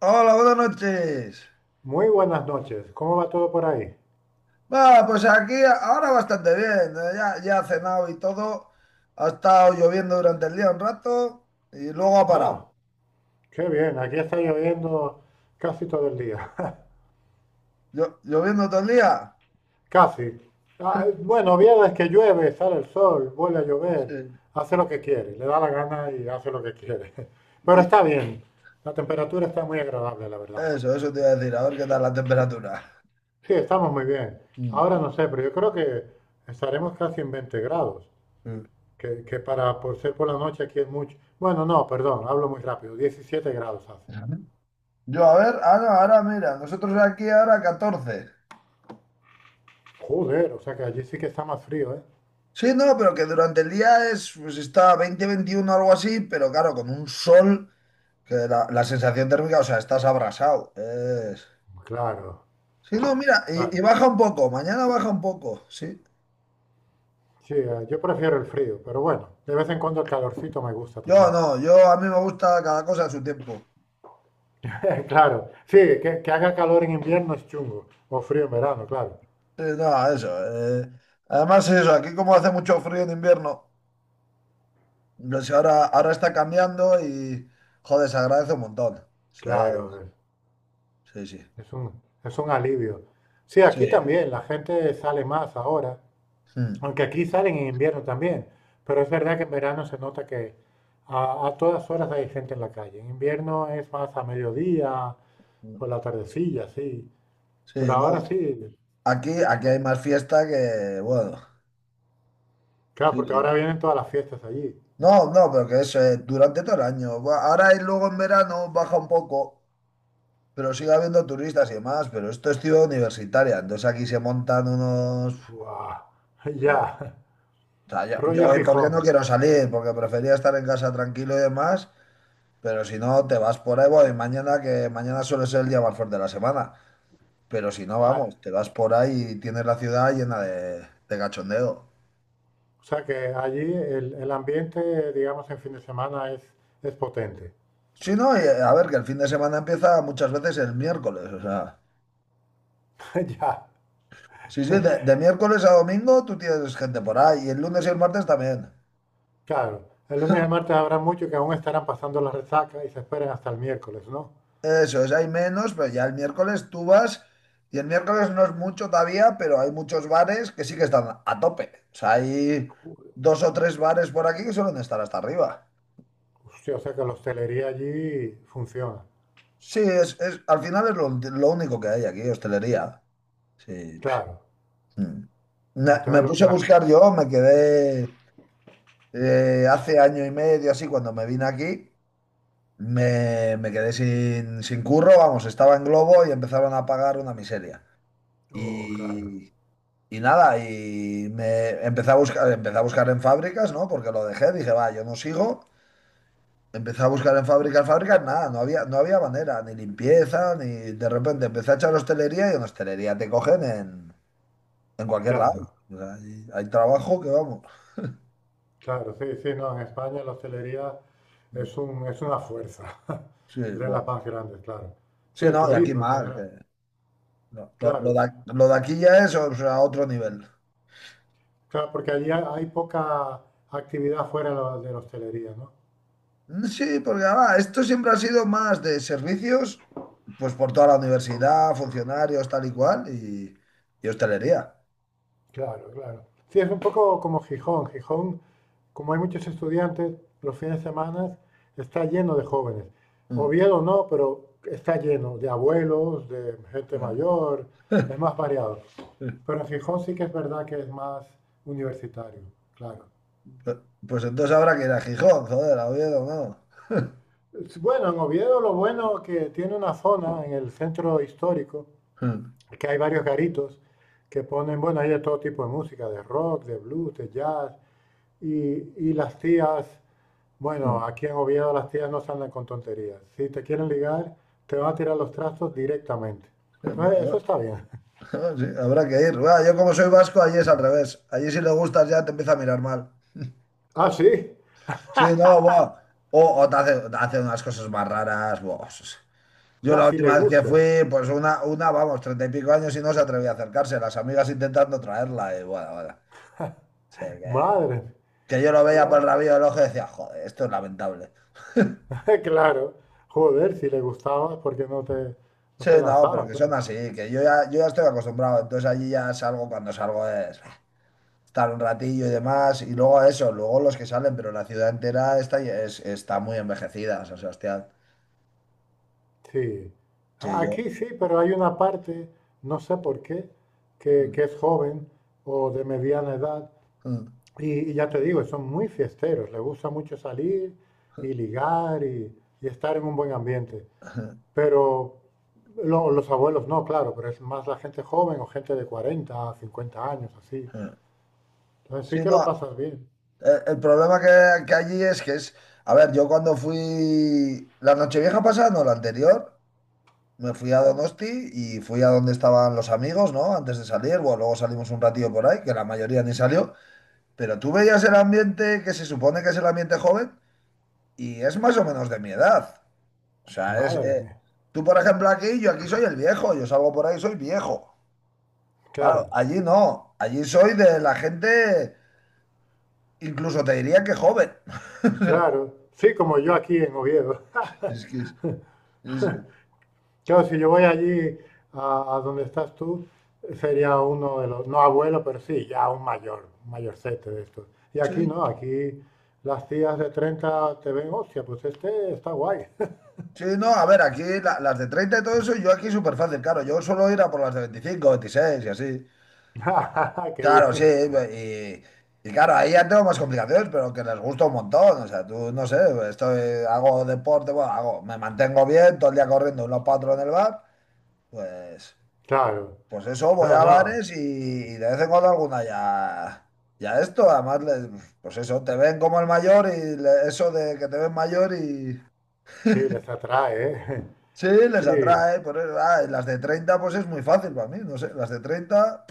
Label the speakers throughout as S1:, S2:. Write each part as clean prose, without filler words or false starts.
S1: Hola, buenas noches.
S2: Muy buenas noches. ¿Cómo va todo por ahí?
S1: Va, pues aquí ahora bastante bien. Ya he cenado y todo. Ha estado lloviendo durante el día un rato y luego ha parado.
S2: Ah, qué bien. Aquí está lloviendo casi todo el día.
S1: Lloviendo todo el día.
S2: Casi. Bueno, viernes que llueve, sale el sol, vuelve a
S1: Sí.
S2: llover, hace lo que quiere, le da la gana y hace lo que quiere. Pero
S1: Y
S2: está bien. La temperatura está muy agradable, la verdad.
S1: eso te iba a decir. A ver qué tal la temperatura.
S2: Sí, estamos muy bien.
S1: Mm,
S2: Ahora no sé, pero yo creo que estaremos casi en 20 grados,
S1: mm.
S2: que para por ser por la noche aquí es mucho. Bueno, no, perdón, hablo muy rápido. 17 grados hace.
S1: Yo, a ver, ah no, ahora mira, nosotros aquí ahora 14.
S2: Joder, o sea que allí sí que está más frío, ¿eh?
S1: Sí, no, pero que durante el día es, pues está 20, 21, algo así, pero claro, con un sol, que la sensación térmica, o sea, estás abrasado.
S2: Claro,
S1: Sí, no, mira, y,
S2: claro.
S1: y baja un poco, mañana baja un poco, sí.
S2: Sí, yo prefiero el frío, pero bueno, de vez en cuando el calorcito me gusta
S1: Yo
S2: también.
S1: no, yo a mí me gusta cada cosa a su tiempo.
S2: Claro, sí, que haga calor en invierno es chungo, o frío en verano, claro.
S1: Sí, no, eso. eh, Además, eso, aquí como hace mucho frío en invierno, pues ahora está cambiando y, joder, se agradece un montón. Sí,
S2: Claro,
S1: sí, sí.
S2: es un alivio. Sí,
S1: Sí.
S2: aquí también la gente sale más ahora,
S1: Mm.
S2: aunque aquí salen en invierno también, pero es verdad que en verano se nota que a todas horas hay gente en la calle. En invierno es más a mediodía,
S1: Mm.
S2: por la tardecilla, sí,
S1: Sí,
S2: pero
S1: no,
S2: ahora sí.
S1: aquí hay más fiesta que, bueno,
S2: Claro,
S1: sí,
S2: porque
S1: sí.
S2: ahora vienen todas las fiestas allí.
S1: No, no, pero que es durante todo el año. Bueno, ahora, y luego en verano baja un poco. Pero sigue habiendo turistas y demás, pero esto es ciudad universitaria, entonces aquí se montan unos...
S2: ¡Guau!
S1: eh,
S2: Ya,
S1: O sea, yo,
S2: rollo
S1: yo, ¿y ¿por qué no
S2: Gijón.
S1: quiero salir? Porque prefería estar en casa tranquilo y demás, pero si no, te vas por ahí, bueno, y mañana, que mañana suele ser el día más fuerte de la semana, pero si no,
S2: Ah,
S1: vamos, te vas por ahí y tienes la ciudad llena de cachondeo.
S2: o sea que allí el ambiente, digamos, en fin de semana es potente.
S1: Sí, no, y, a ver, que el fin de semana empieza muchas veces el miércoles, o sea,
S2: Ya,
S1: sí, sí, de miércoles a domingo tú tienes gente por ahí, y el lunes y el martes también.
S2: claro. El lunes y el martes habrá mucho, que aún estarán pasando la resaca y se esperan hasta el miércoles, ¿no?
S1: Eso es, hay menos, pero ya el miércoles tú vas, y el miércoles no es mucho todavía, pero hay muchos bares que sí que están a tope. O sea, hay
S2: Ju-
S1: dos o tres bares por aquí que suelen estar hasta arriba.
S2: Hostia, o sea que la hostelería allí funciona.
S1: Sí, es, al final es lo único que hay aquí, hostelería. Sí.
S2: Claro.
S1: Mm. Me,
S2: Y
S1: me
S2: entonces lo
S1: puse
S2: que
S1: a
S2: la...
S1: buscar yo, me quedé hace año y medio así cuando me vine aquí, me quedé sin curro, vamos, estaba en Globo y empezaron a pagar una miseria.
S2: Oh, claro,
S1: Y, Y nada, y me empecé a buscar en fábricas, ¿no? Porque lo dejé, dije, va, yo no sigo. Empecé a buscar en fábricas, fábricas, nada, no había manera, ni limpieza, ni de repente empecé a echar hostelería y en hostelería te cogen en cualquier lado.
S2: claro.
S1: O sea, hay trabajo que vamos.
S2: Claro, sí, sí, no, en España la hostelería es una fuerza
S1: Sí,
S2: de las
S1: bueno.
S2: más grandes, claro.
S1: Sí,
S2: Sí, el
S1: no, y aquí
S2: turismo en
S1: más, que
S2: general,
S1: lo, lo- lo de,
S2: claro,
S1: ac- lo de aquí ya es, o sea, otro nivel.
S2: claro, porque allí hay poca actividad fuera de de la hostelería, ¿no?
S1: Sí, porque además, esto siempre ha sido más de servicios, pues por toda la universidad, funcionarios, tal y cual, y hostelería.
S2: Claro, claro. Sí, es un poco como Gijón. Gijón, como hay muchos estudiantes, los fines de semana está lleno de jóvenes.
S1: Mm.
S2: Oviedo no, pero está lleno de abuelos, de gente mayor, es más variado. Pero en Gijón sí que es verdad que es más universitario, claro.
S1: Pues pues entonces habrá que ir a Gijón, joder, a Oviedo, no.
S2: Bueno, en Oviedo lo bueno que tiene una zona en el centro histórico, que hay varios garitos que ponen, bueno, hay de todo tipo de música, de rock, de blues, de jazz, y las tías. Bueno,
S1: Mm.
S2: aquí en Oviedo las tías no se andan con tonterías. Si te quieren ligar, te van a tirar los trastos directamente.
S1: Mm.
S2: Entonces, eso
S1: Bueno.
S2: está bien.
S1: Sí, habrá que ir. Buah, yo como soy vasco, allí es al revés. Allí si le gustas ya te empieza a mirar mal.
S2: Ah, sí.
S1: Sí, no, buah. O te hace, unas cosas más raras. Buah.
S2: O
S1: Yo
S2: sea,
S1: la
S2: si le
S1: última vez que
S2: gustas.
S1: fui, pues una, vamos, 30 y pico años y no se atrevía a acercarse. Las amigas intentando traerla y bueno, bueno. Sí, que,
S2: Madre.
S1: que yo lo veía por el
S2: Guau.
S1: rabillo del ojo y decía, joder, esto es lamentable.
S2: Claro. Joder, si le gustabas porque no te, no
S1: Sí,
S2: se
S1: no, pero
S2: lanzaba,
S1: que son
S2: claro.
S1: así, que yo ya estoy acostumbrado. Entonces allí ya salgo, cuando salgo es bah, estar un ratillo y demás. Y luego eso, luego los que salen, pero la ciudad entera está muy envejecida, San Sebastián.
S2: Sí.
S1: Sí, yo.
S2: Aquí sí, pero hay una parte, no sé por qué, que es joven o de mediana edad. Y ya te digo, son muy fiesteros, les gusta mucho salir y ligar y estar en un buen ambiente. Pero los abuelos no, claro, pero es más la gente joven o gente de 40 50 años, así. Entonces
S1: Sí,
S2: sí que lo
S1: no.
S2: pasas bien.
S1: El problema que allí es que es, a ver, yo cuando fui la Nochevieja pasada, no, la anterior, me fui a Donosti y fui a donde estaban los amigos, ¿no? Antes de salir, bueno, luego salimos un ratillo por ahí, que la mayoría ni salió, pero tú veías el ambiente que se supone que es el ambiente joven y es más o menos de mi edad. O sea, es,
S2: Madre mía,
S1: tú por ejemplo aquí, yo aquí soy el viejo, yo salgo por ahí, soy viejo. Claro,
S2: claro,
S1: allí no, allí soy de la gente, incluso te diría que joven.
S2: claro. Sí, como yo aquí en Oviedo.
S1: Es que es-
S2: Claro, si yo voy allí a donde estás tú, sería uno de los, no abuelo, pero sí, ya un mayor, un mayorcete de estos. Y aquí
S1: Sí,
S2: no, aquí las tías de 30 te ven, hostia, pues este está guay.
S1: sí, no, a ver, aquí las de 30 y todo eso, yo aquí súper fácil, claro, yo suelo ir a por las de 25, 26 y así.
S2: Qué
S1: Claro, sí,
S2: bien.
S1: y claro, ahí ya tengo más complicaciones, pero que les gusta un montón, o sea, tú, no sé, estoy, hago deporte, bueno, hago, me mantengo bien, todo el día corriendo unos cuatro en el bar, pues,
S2: Claro,
S1: pues eso, voy
S2: no,
S1: a
S2: no,
S1: bares y de vez en cuando alguna ya esto, además, pues eso, te ven como el mayor y eso de que te ven mayor.
S2: sí, les atrae, ¿eh?
S1: Sí, les
S2: Sí,
S1: atrae, pero ah, las de 30, pues es muy fácil para mí, no sé, las de 30,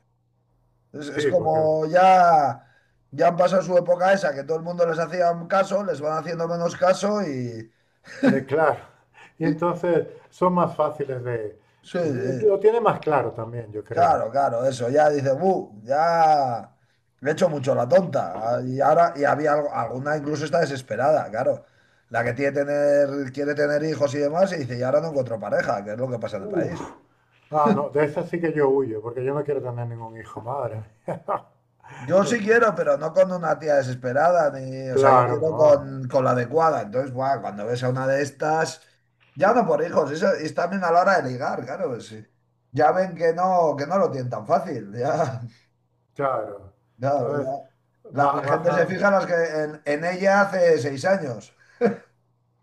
S1: es
S2: sí, porque,
S1: como ya han pasado su época esa, que todo el mundo les hacía un caso, les van haciendo menos caso y,
S2: claro. Y
S1: y-
S2: entonces son más fáciles de,
S1: sí, sí,
S2: lo tiene más claro también, yo creo.
S1: claro, claro, eso, ya dice, "Bu, ya he hecho mucho la tonta". Ah, y ahora, y había alguna incluso está desesperada, claro, la que quiere tener hijos y demás y dice, y ahora no encuentro pareja, que es lo que pasa en el
S2: Uf.
S1: país.
S2: Ah, no, de esa sí que yo huyo, porque yo no quiero tener ningún hijo, madre.
S1: Yo sí quiero, pero no con una tía desesperada, ni, o sea, yo
S2: Claro,
S1: quiero
S2: no,
S1: con la adecuada. Entonces, buah, cuando ves a una de estas, ya no por hijos, eso es también a la hora de ligar, claro, pues sí. Ya ven que no lo tienen tan fácil, ya.
S2: claro.
S1: Claro, ya.
S2: Entonces,
S1: La, la gente se
S2: bajan,
S1: fija en, las que, en ella hace 6 años.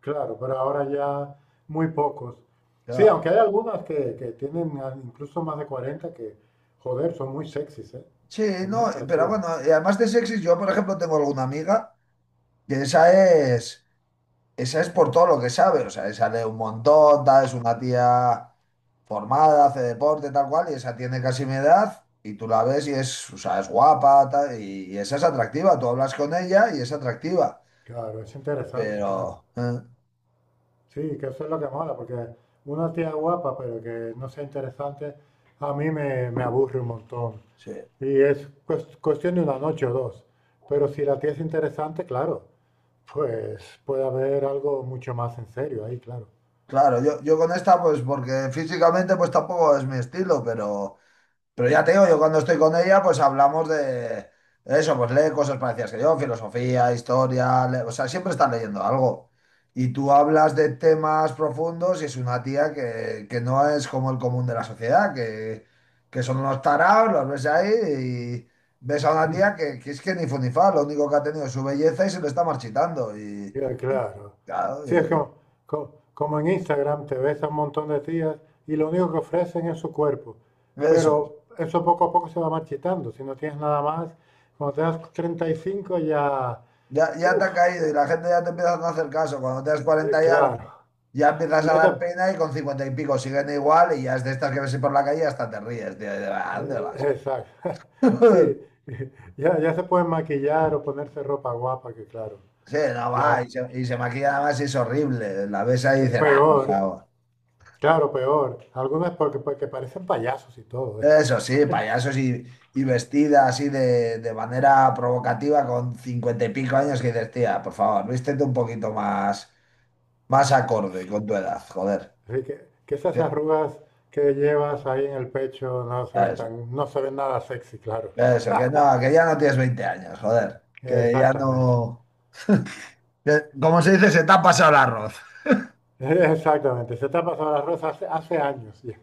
S2: claro, pero ahora ya muy pocos. Sí,
S1: Claro.
S2: aunque hay algunas que tienen incluso más de 40, que, joder, son muy sexys, ¿eh?
S1: Sí,
S2: Son muy
S1: no, pero
S2: atractivos.
S1: bueno, y además de sexy, yo por ejemplo tengo alguna amiga que esa es por todo lo que sabe, o sea, esa lee un montón, tal, es una tía formada, hace deporte, tal cual, y esa tiene casi mi edad, y tú la ves y es, o sea, es guapa, tal, y esa es atractiva, tú hablas con ella y es atractiva,
S2: Claro, es interesante, claro.
S1: pero,
S2: Sí, que eso es lo que mola, porque una tía guapa, pero que no sea interesante, a mí me, me aburre un montón.
S1: sí,
S2: Y es cuestión de una noche o dos. Pero si la tía es interesante, claro, pues puede haber algo mucho más en serio ahí, claro.
S1: claro, yo con esta, pues porque físicamente, pues tampoco es mi estilo, pero... Pero ya te digo, yo cuando estoy con ella, pues hablamos de eso, pues lee cosas parecidas que yo, filosofía, historia, o sea, siempre estás leyendo algo. Y tú hablas de temas profundos y es una tía que no es como el común de la sociedad, que son unos tarados, los ves ahí y ves a una tía que es que ni fu ni fa, lo único que ha tenido es su belleza y se le está marchitando. Y
S2: Y claro.
S1: claro,
S2: Sí, es como, como en Instagram te ves a un montón de tías y lo único que ofrecen es su cuerpo.
S1: eso.
S2: Pero eso poco a poco se va marchitando. Si no tienes nada más, cuando te das 35 ya,
S1: Ya te
S2: uff.
S1: ha caído y la gente ya te empieza a no hacer caso. Cuando tienes 40 y algo,
S2: Claro,
S1: ya empiezas
S2: y
S1: a
S2: ya
S1: dar pena y con 50 y pico siguen igual y ya es de estas que ves por la calle y hasta te ríes, tío. ¿A dónde vas?
S2: exacto. Sí, ya, ya se pueden maquillar o ponerse ropa guapa, que claro,
S1: Sí, no
S2: ya
S1: va. Y se maquilla nada más y es horrible. La ves ahí y dices, ah, por
S2: peor,
S1: favor.
S2: claro, peor. Algunas porque, porque parecen payasos y todo, ¿eh?
S1: Eso sí, payasos y vestida así de manera provocativa con 50 y pico años que dices, tía, por favor, vístete un poquito más, más acorde con tu edad, joder.
S2: Así que esas
S1: Sí,
S2: arrugas que llevas ahí en el pecho no se ven
S1: eso.
S2: tan, no se ven nada sexy, claro.
S1: Eso, que no, que ya no tienes 20 años, joder. Que ya
S2: Exactamente,
S1: no. Que, como se dice, se te ha pasado el arroz.
S2: exactamente. Se te ha pasado las rosas hace, hace años, ya.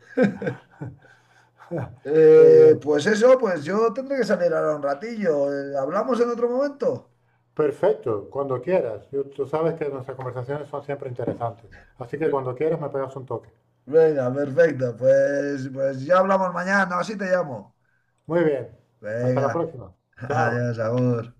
S2: Qué
S1: Eh,
S2: bien.
S1: pues eso, pues yo tendré que salir ahora un ratillo. ¿Hablamos en otro momento?
S2: Perfecto, cuando quieras. Yo- tú sabes que nuestras conversaciones son siempre interesantes. Así que cuando quieras me pegas un toque.
S1: Venga, perfecto. Pues ya hablamos mañana, así te llamo.
S2: Muy bien, hasta la
S1: Venga,
S2: próxima. Chao.
S1: adiós, amor.